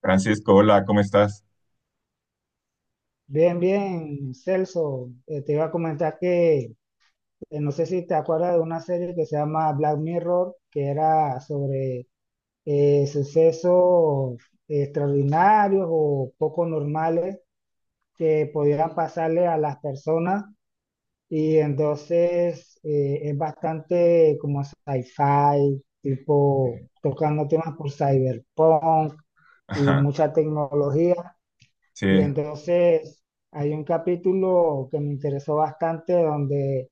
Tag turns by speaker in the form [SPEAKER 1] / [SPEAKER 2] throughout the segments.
[SPEAKER 1] Francisco, hola, ¿cómo estás?
[SPEAKER 2] Bien, bien, Celso, te iba a comentar que no sé si te acuerdas de una serie que se llama Black Mirror, que era sobre sucesos extraordinarios o poco normales que podían pasarle a las personas, y entonces es bastante como sci-fi, tipo tocando temas por cyberpunk y
[SPEAKER 1] Ajá,
[SPEAKER 2] mucha tecnología.
[SPEAKER 1] sí,
[SPEAKER 2] Y entonces hay un capítulo que me interesó bastante donde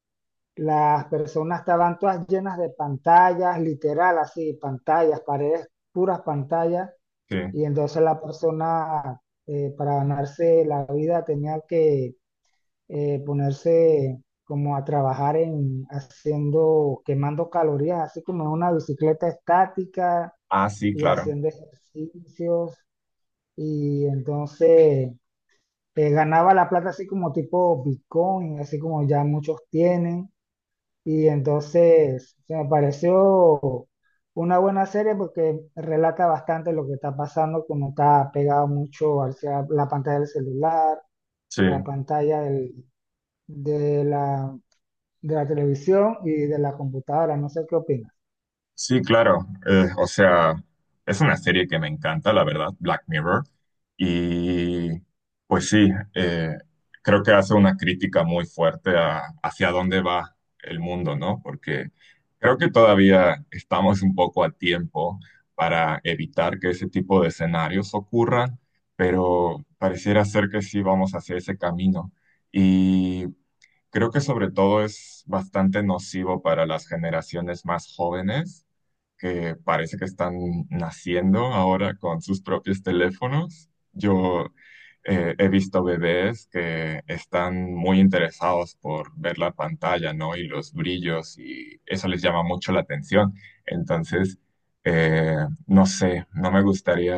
[SPEAKER 2] las personas estaban todas llenas de pantallas, literal, así, pantallas, paredes, puras pantallas.
[SPEAKER 1] sí.
[SPEAKER 2] Y entonces la persona, para ganarse la vida, tenía que ponerse como a trabajar en haciendo, quemando calorías, así como en una bicicleta estática
[SPEAKER 1] Ah, sí,
[SPEAKER 2] y
[SPEAKER 1] claro.
[SPEAKER 2] haciendo ejercicios. Y entonces ganaba la plata así como tipo Bitcoin, así como ya muchos tienen. Y entonces, o sea, me pareció una buena serie porque relata bastante lo que está pasando, como está pegado mucho hacia la pantalla del celular,
[SPEAKER 1] Sí.
[SPEAKER 2] la pantalla del- de la, de la televisión y de la computadora. No sé qué opinas.
[SPEAKER 1] Sí, claro. O sea, es una serie que me encanta, la verdad, Black Mirror. Y pues sí, eh, creo que hace una crítica muy fuerte a, hacia dónde va el mundo, ¿no? Porque creo que todavía estamos un poco a tiempo para evitar que ese tipo de escenarios ocurran, pero pareciera ser que sí vamos hacia ese camino. Y creo que sobre todo es bastante nocivo para las generaciones más jóvenes que parece que están naciendo ahora con sus propios teléfonos. Yo he visto bebés que están muy interesados por ver la pantalla, ¿no? Y los brillos, y eso les llama mucho la atención. Entonces, eh, no sé, no me gustaría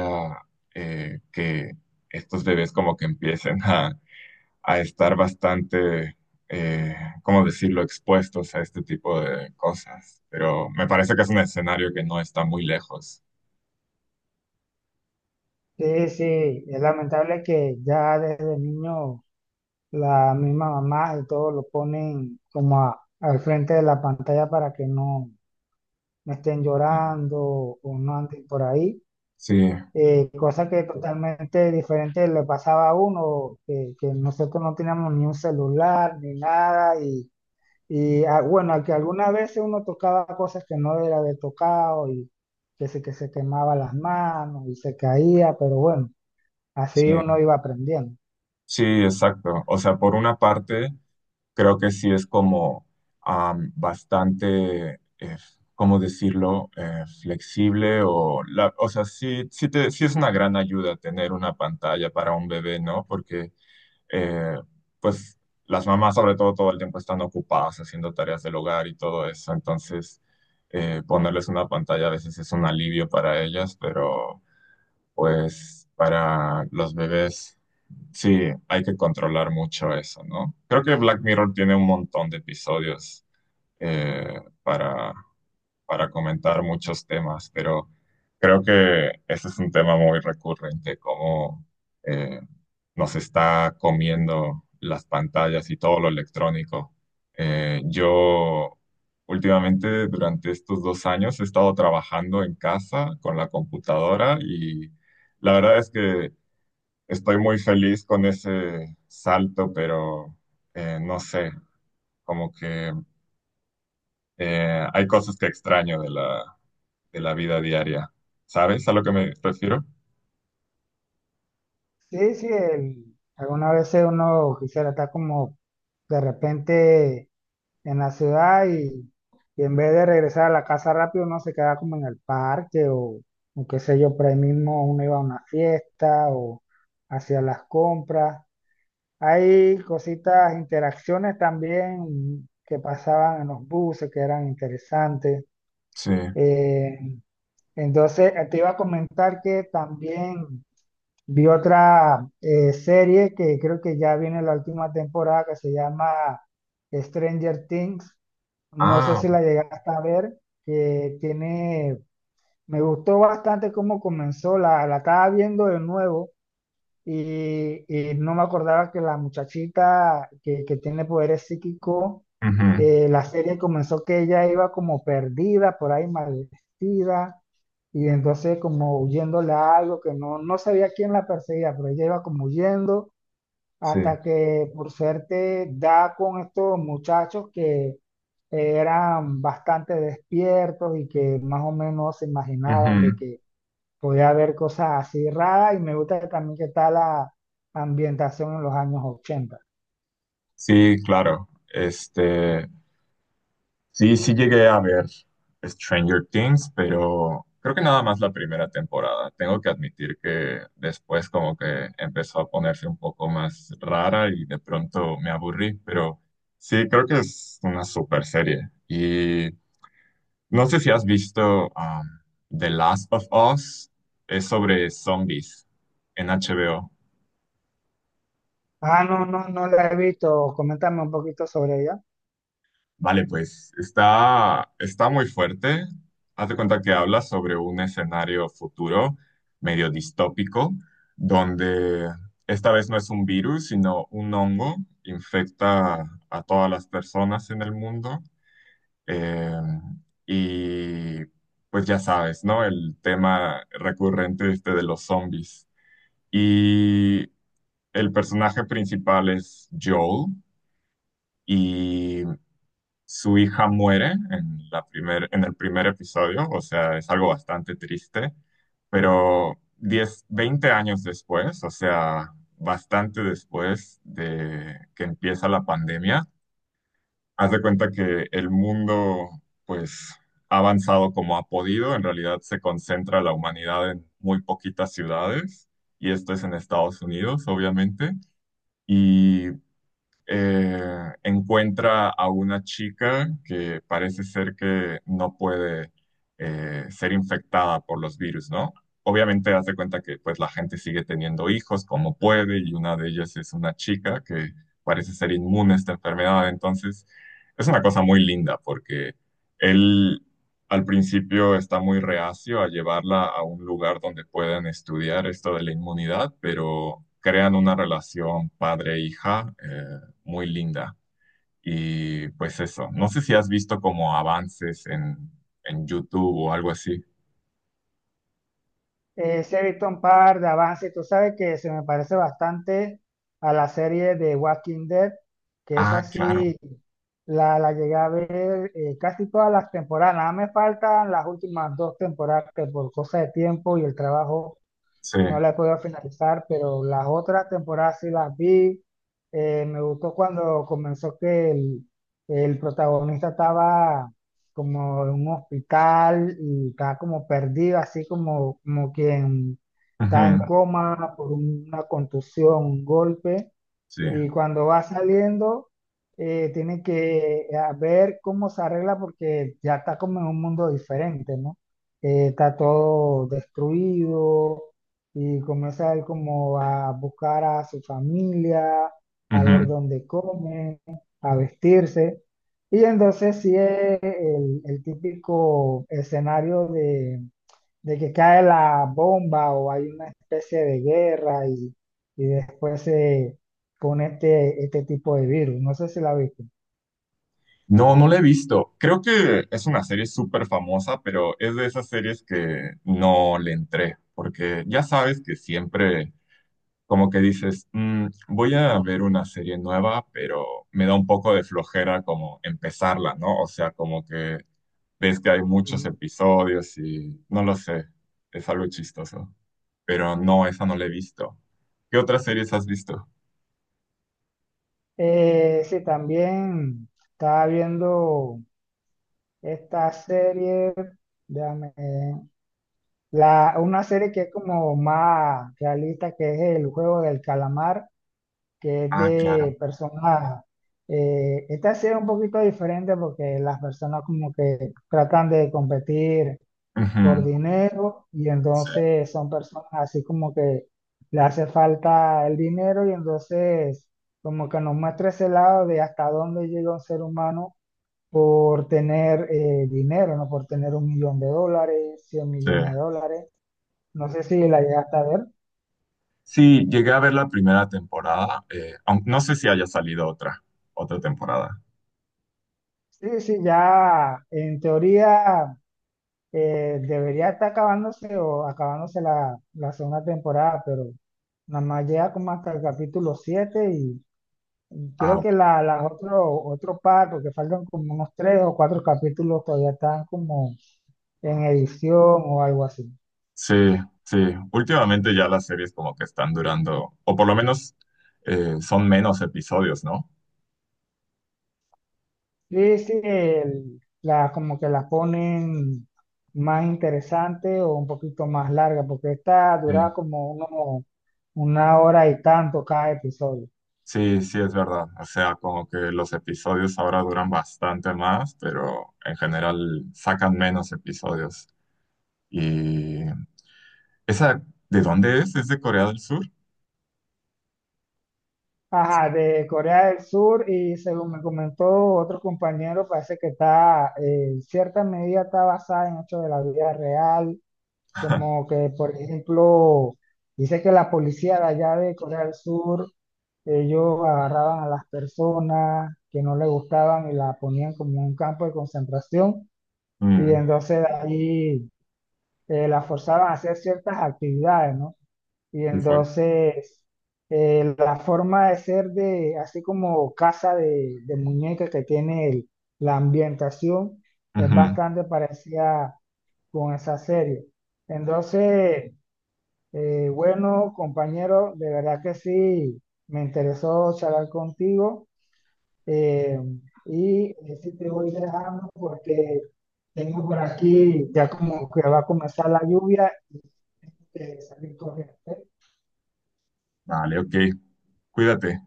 [SPEAKER 1] eh, que estos bebés como que empiecen a estar bastante, eh, ¿cómo decirlo?, expuestos a este tipo de cosas. Pero me parece que es un escenario que no está muy lejos.
[SPEAKER 2] Sí, sí, es lamentable que ya desde niño la misma mamá y todo lo ponen como a- al frente de la pantalla para que no, no estén
[SPEAKER 1] Sí,
[SPEAKER 2] llorando o no anden por ahí.
[SPEAKER 1] sí,
[SPEAKER 2] Cosa que totalmente diferente le pasaba a uno, que nosotros no teníamos ni un celular ni nada, y ah, bueno, que algunas veces uno tocaba cosas que no era de tocado y que se quemaba las manos y se caía, pero bueno,
[SPEAKER 1] sí,
[SPEAKER 2] así uno iba aprendiendo.
[SPEAKER 1] sí, exacto. O sea, por una parte, creo que sí es como bastante, ¿cómo decirlo? Flexible o o sea, sí, sí es una gran ayuda tener una pantalla para un bebé, ¿no? Porque eh, pues las mamás sobre todo el tiempo están ocupadas haciendo tareas del hogar y todo eso, entonces ponerles una pantalla a veces es un alivio para ellas, pero pues para los bebés sí hay que controlar mucho eso, ¿no? Creo que Black Mirror tiene un montón de episodios eh, para, para comentar muchos temas, pero creo que ese es un tema muy recurrente, cómo eh, nos está comiendo las pantallas y todo lo electrónico. Yo últimamente durante estos dos años he estado trabajando en casa con la computadora y la verdad es que estoy muy feliz con ese salto, pero no sé, como que hay cosas que extraño de la vida diaria. ¿Sabes a lo que me refiero?
[SPEAKER 2] Sí, sí, algunas veces uno quisiera estar como de repente en la ciudad y en vez de regresar a la casa rápido, uno se queda como en el parque o qué sé yo, por ahí mismo uno iba a una fiesta o hacia las compras. Hay cositas, interacciones también que pasaban en los buses que eran interesantes.
[SPEAKER 1] Sí.
[SPEAKER 2] Eh, entonces, te iba a comentar que también. Vi otra serie que creo que ya viene la última temporada que se llama Stranger Things. No sé
[SPEAKER 1] Ah,
[SPEAKER 2] si la llegaste a ver, que tiene, me gustó bastante cómo comenzó, la estaba viendo de nuevo y no me acordaba que la muchachita que tiene poderes psíquicos.
[SPEAKER 1] ujú,
[SPEAKER 2] La serie comenzó que ella iba como perdida, por ahí mal vestida, y entonces como huyéndole a algo que no, no sabía quién la perseguía, pero ella iba como huyendo
[SPEAKER 1] sí,
[SPEAKER 2] hasta que por suerte da con estos muchachos que eran bastante despiertos y que más o menos se imaginaban de
[SPEAKER 1] ujú.
[SPEAKER 2] que podía ver cosas así raras, y me gusta también que está la ambientación en los años 80.
[SPEAKER 1] Sí, claro. Este, sí, sí llegué a ver Stranger Things, pero creo que nada más la primera temporada. Tengo que admitir que después como que empezó a ponerse un poco más rara y de pronto me aburrí, pero sí, creo que es una super serie. Y no sé si has visto The Last of Us, es sobre zombies en HBO.
[SPEAKER 2] Ah, no, no, no la he visto. Coméntame un poquito sobre ella.
[SPEAKER 1] Vale, pues está, está muy fuerte. Haz de cuenta que habla sobre un escenario futuro medio distópico, donde esta vez no es un virus, sino un hongo, infecta a todas las personas en el mundo. Eh, y pues ya sabes, ¿no? El tema recurrente este de los zombies. Y el personaje principal es Joel y su hija muere en la en el primer episodio, o sea, es algo bastante triste, pero 10, 20 años después, o sea, bastante después de que empieza la pandemia, haz de cuenta que el mundo, pues, ha avanzado como ha podido, en realidad se concentra la humanidad en muy poquitas ciudades, y esto es en Estados Unidos, obviamente. Y encuentra a una chica que parece ser que no puede ser infectada por los virus, ¿no? Obviamente hace cuenta que pues la gente sigue teniendo hijos como puede y una de ellas es una chica que parece ser inmune a esta enfermedad. Entonces es una cosa muy linda porque él al principio está muy reacio a llevarla a un lugar donde puedan estudiar esto de la inmunidad, pero crean una relación padre-hija muy linda. Y pues eso, no sé si has visto como avances en YouTube o algo así.
[SPEAKER 2] Sí, he visto un par de avances. Tú sabes que se me parece bastante a la serie de Walking Dead, que es
[SPEAKER 1] Ah, claro,
[SPEAKER 2] así, la llegué a ver casi todas las temporadas. Nada, me faltan las últimas dos temporadas que por cosa de tiempo y el trabajo
[SPEAKER 1] sí,
[SPEAKER 2] no la he podido finalizar, pero las otras temporadas sí las vi. Me gustó cuando comenzó que el protagonista estaba como en un hospital y estaba como perdido, así como quien está
[SPEAKER 1] ujú,
[SPEAKER 2] en coma por una contusión, un golpe.
[SPEAKER 1] sí,
[SPEAKER 2] Y cuando va saliendo, tiene que ver cómo se arregla porque ya está como en un mundo diferente, ¿no? Está todo destruido y comienza él como a buscar a su familia, a
[SPEAKER 1] ujú.
[SPEAKER 2] ver dónde come, a vestirse. Y entonces sí es el típico escenario de que cae la bomba o hay una especie de guerra, y después se pone este tipo de virus. No sé si la viste.
[SPEAKER 1] No, no la he visto. Creo que es una serie súper famosa, pero es de esas series que no le entré, porque ya sabes que siempre como que dices, "Mm, voy a ver una serie nueva, pero me da un poco de flojera como empezarla, ¿no? O sea, como que ves que hay muchos
[SPEAKER 2] Ujú.
[SPEAKER 1] episodios y no lo sé, es algo chistoso. Pero no, esa no la he visto. ¿Qué otras series has visto?
[SPEAKER 2] Sí, también estaba viendo esta serie, déjame, una serie que es como más realista, que es el juego del calamar, que es
[SPEAKER 1] Ah, claro.
[SPEAKER 2] de personas. Esta serie es un poquito diferente porque las personas como que tratan de competir por
[SPEAKER 1] Ujú,
[SPEAKER 2] dinero, y
[SPEAKER 1] sí,
[SPEAKER 2] entonces son personas así como que le hace falta el dinero y entonces como que nos muestra ese lado de hasta dónde llega un ser humano por tener dinero, ¿no? Por tener 1 millón de dólares, cien
[SPEAKER 1] sí.
[SPEAKER 2] millones de dólares. No sé si la llegaste a ver.
[SPEAKER 1] Sí, llegué a ver la primera temporada. No sé si haya salido otra, otra temporada.
[SPEAKER 2] Sí, sí, ya en teoría debería estar acabándose o acabándose la segunda temporada, pero nada más llega como hasta el capítulo 7.
[SPEAKER 1] Ah,
[SPEAKER 2] Creo
[SPEAKER 1] ok.
[SPEAKER 2] que las otro par, porque faltan como unos tres o cuatro capítulos, todavía están como en edición o algo así.
[SPEAKER 1] Sí, sí. Últimamente ya las series como que están durando, o por lo menos son menos episodios, ¿no?
[SPEAKER 2] Sí, sí, como que la ponen más interesante o un poquito más larga, porque esta dura
[SPEAKER 1] Sí.
[SPEAKER 2] como una hora y tanto cada episodio.
[SPEAKER 1] Sí, sí, es verdad. O sea, como que los episodios ahora duran bastante más, pero en general sacan menos episodios. Y esa, ¿de dónde es? ¿Es de Corea del Sur?
[SPEAKER 2] Ajá, de Corea del Sur, y según me comentó otro compañero, parece que en cierta medida está basada en hechos de la vida real. Como que, por ejemplo, dice que la policía de allá de Corea del Sur, ellos agarraban a las personas que no les gustaban y la ponían como en un campo de concentración, y
[SPEAKER 1] Mm,
[SPEAKER 2] entonces de ahí la forzaban a hacer ciertas actividades, ¿no? Y
[SPEAKER 1] muy fuerte.
[SPEAKER 2] entonces la forma de ser de, así como casa de muñeca que tiene la ambientación, es
[SPEAKER 1] Ujú.
[SPEAKER 2] bastante parecida con esa serie. Entonces. Bueno, compañero, de verdad que sí, me interesó charlar contigo, eh, y sí te voy dejando porque tengo por aquí ya como que va a comenzar la lluvia y tengo que salir corriendo. ¿Ok?
[SPEAKER 1] Vale, ok. Cuídate.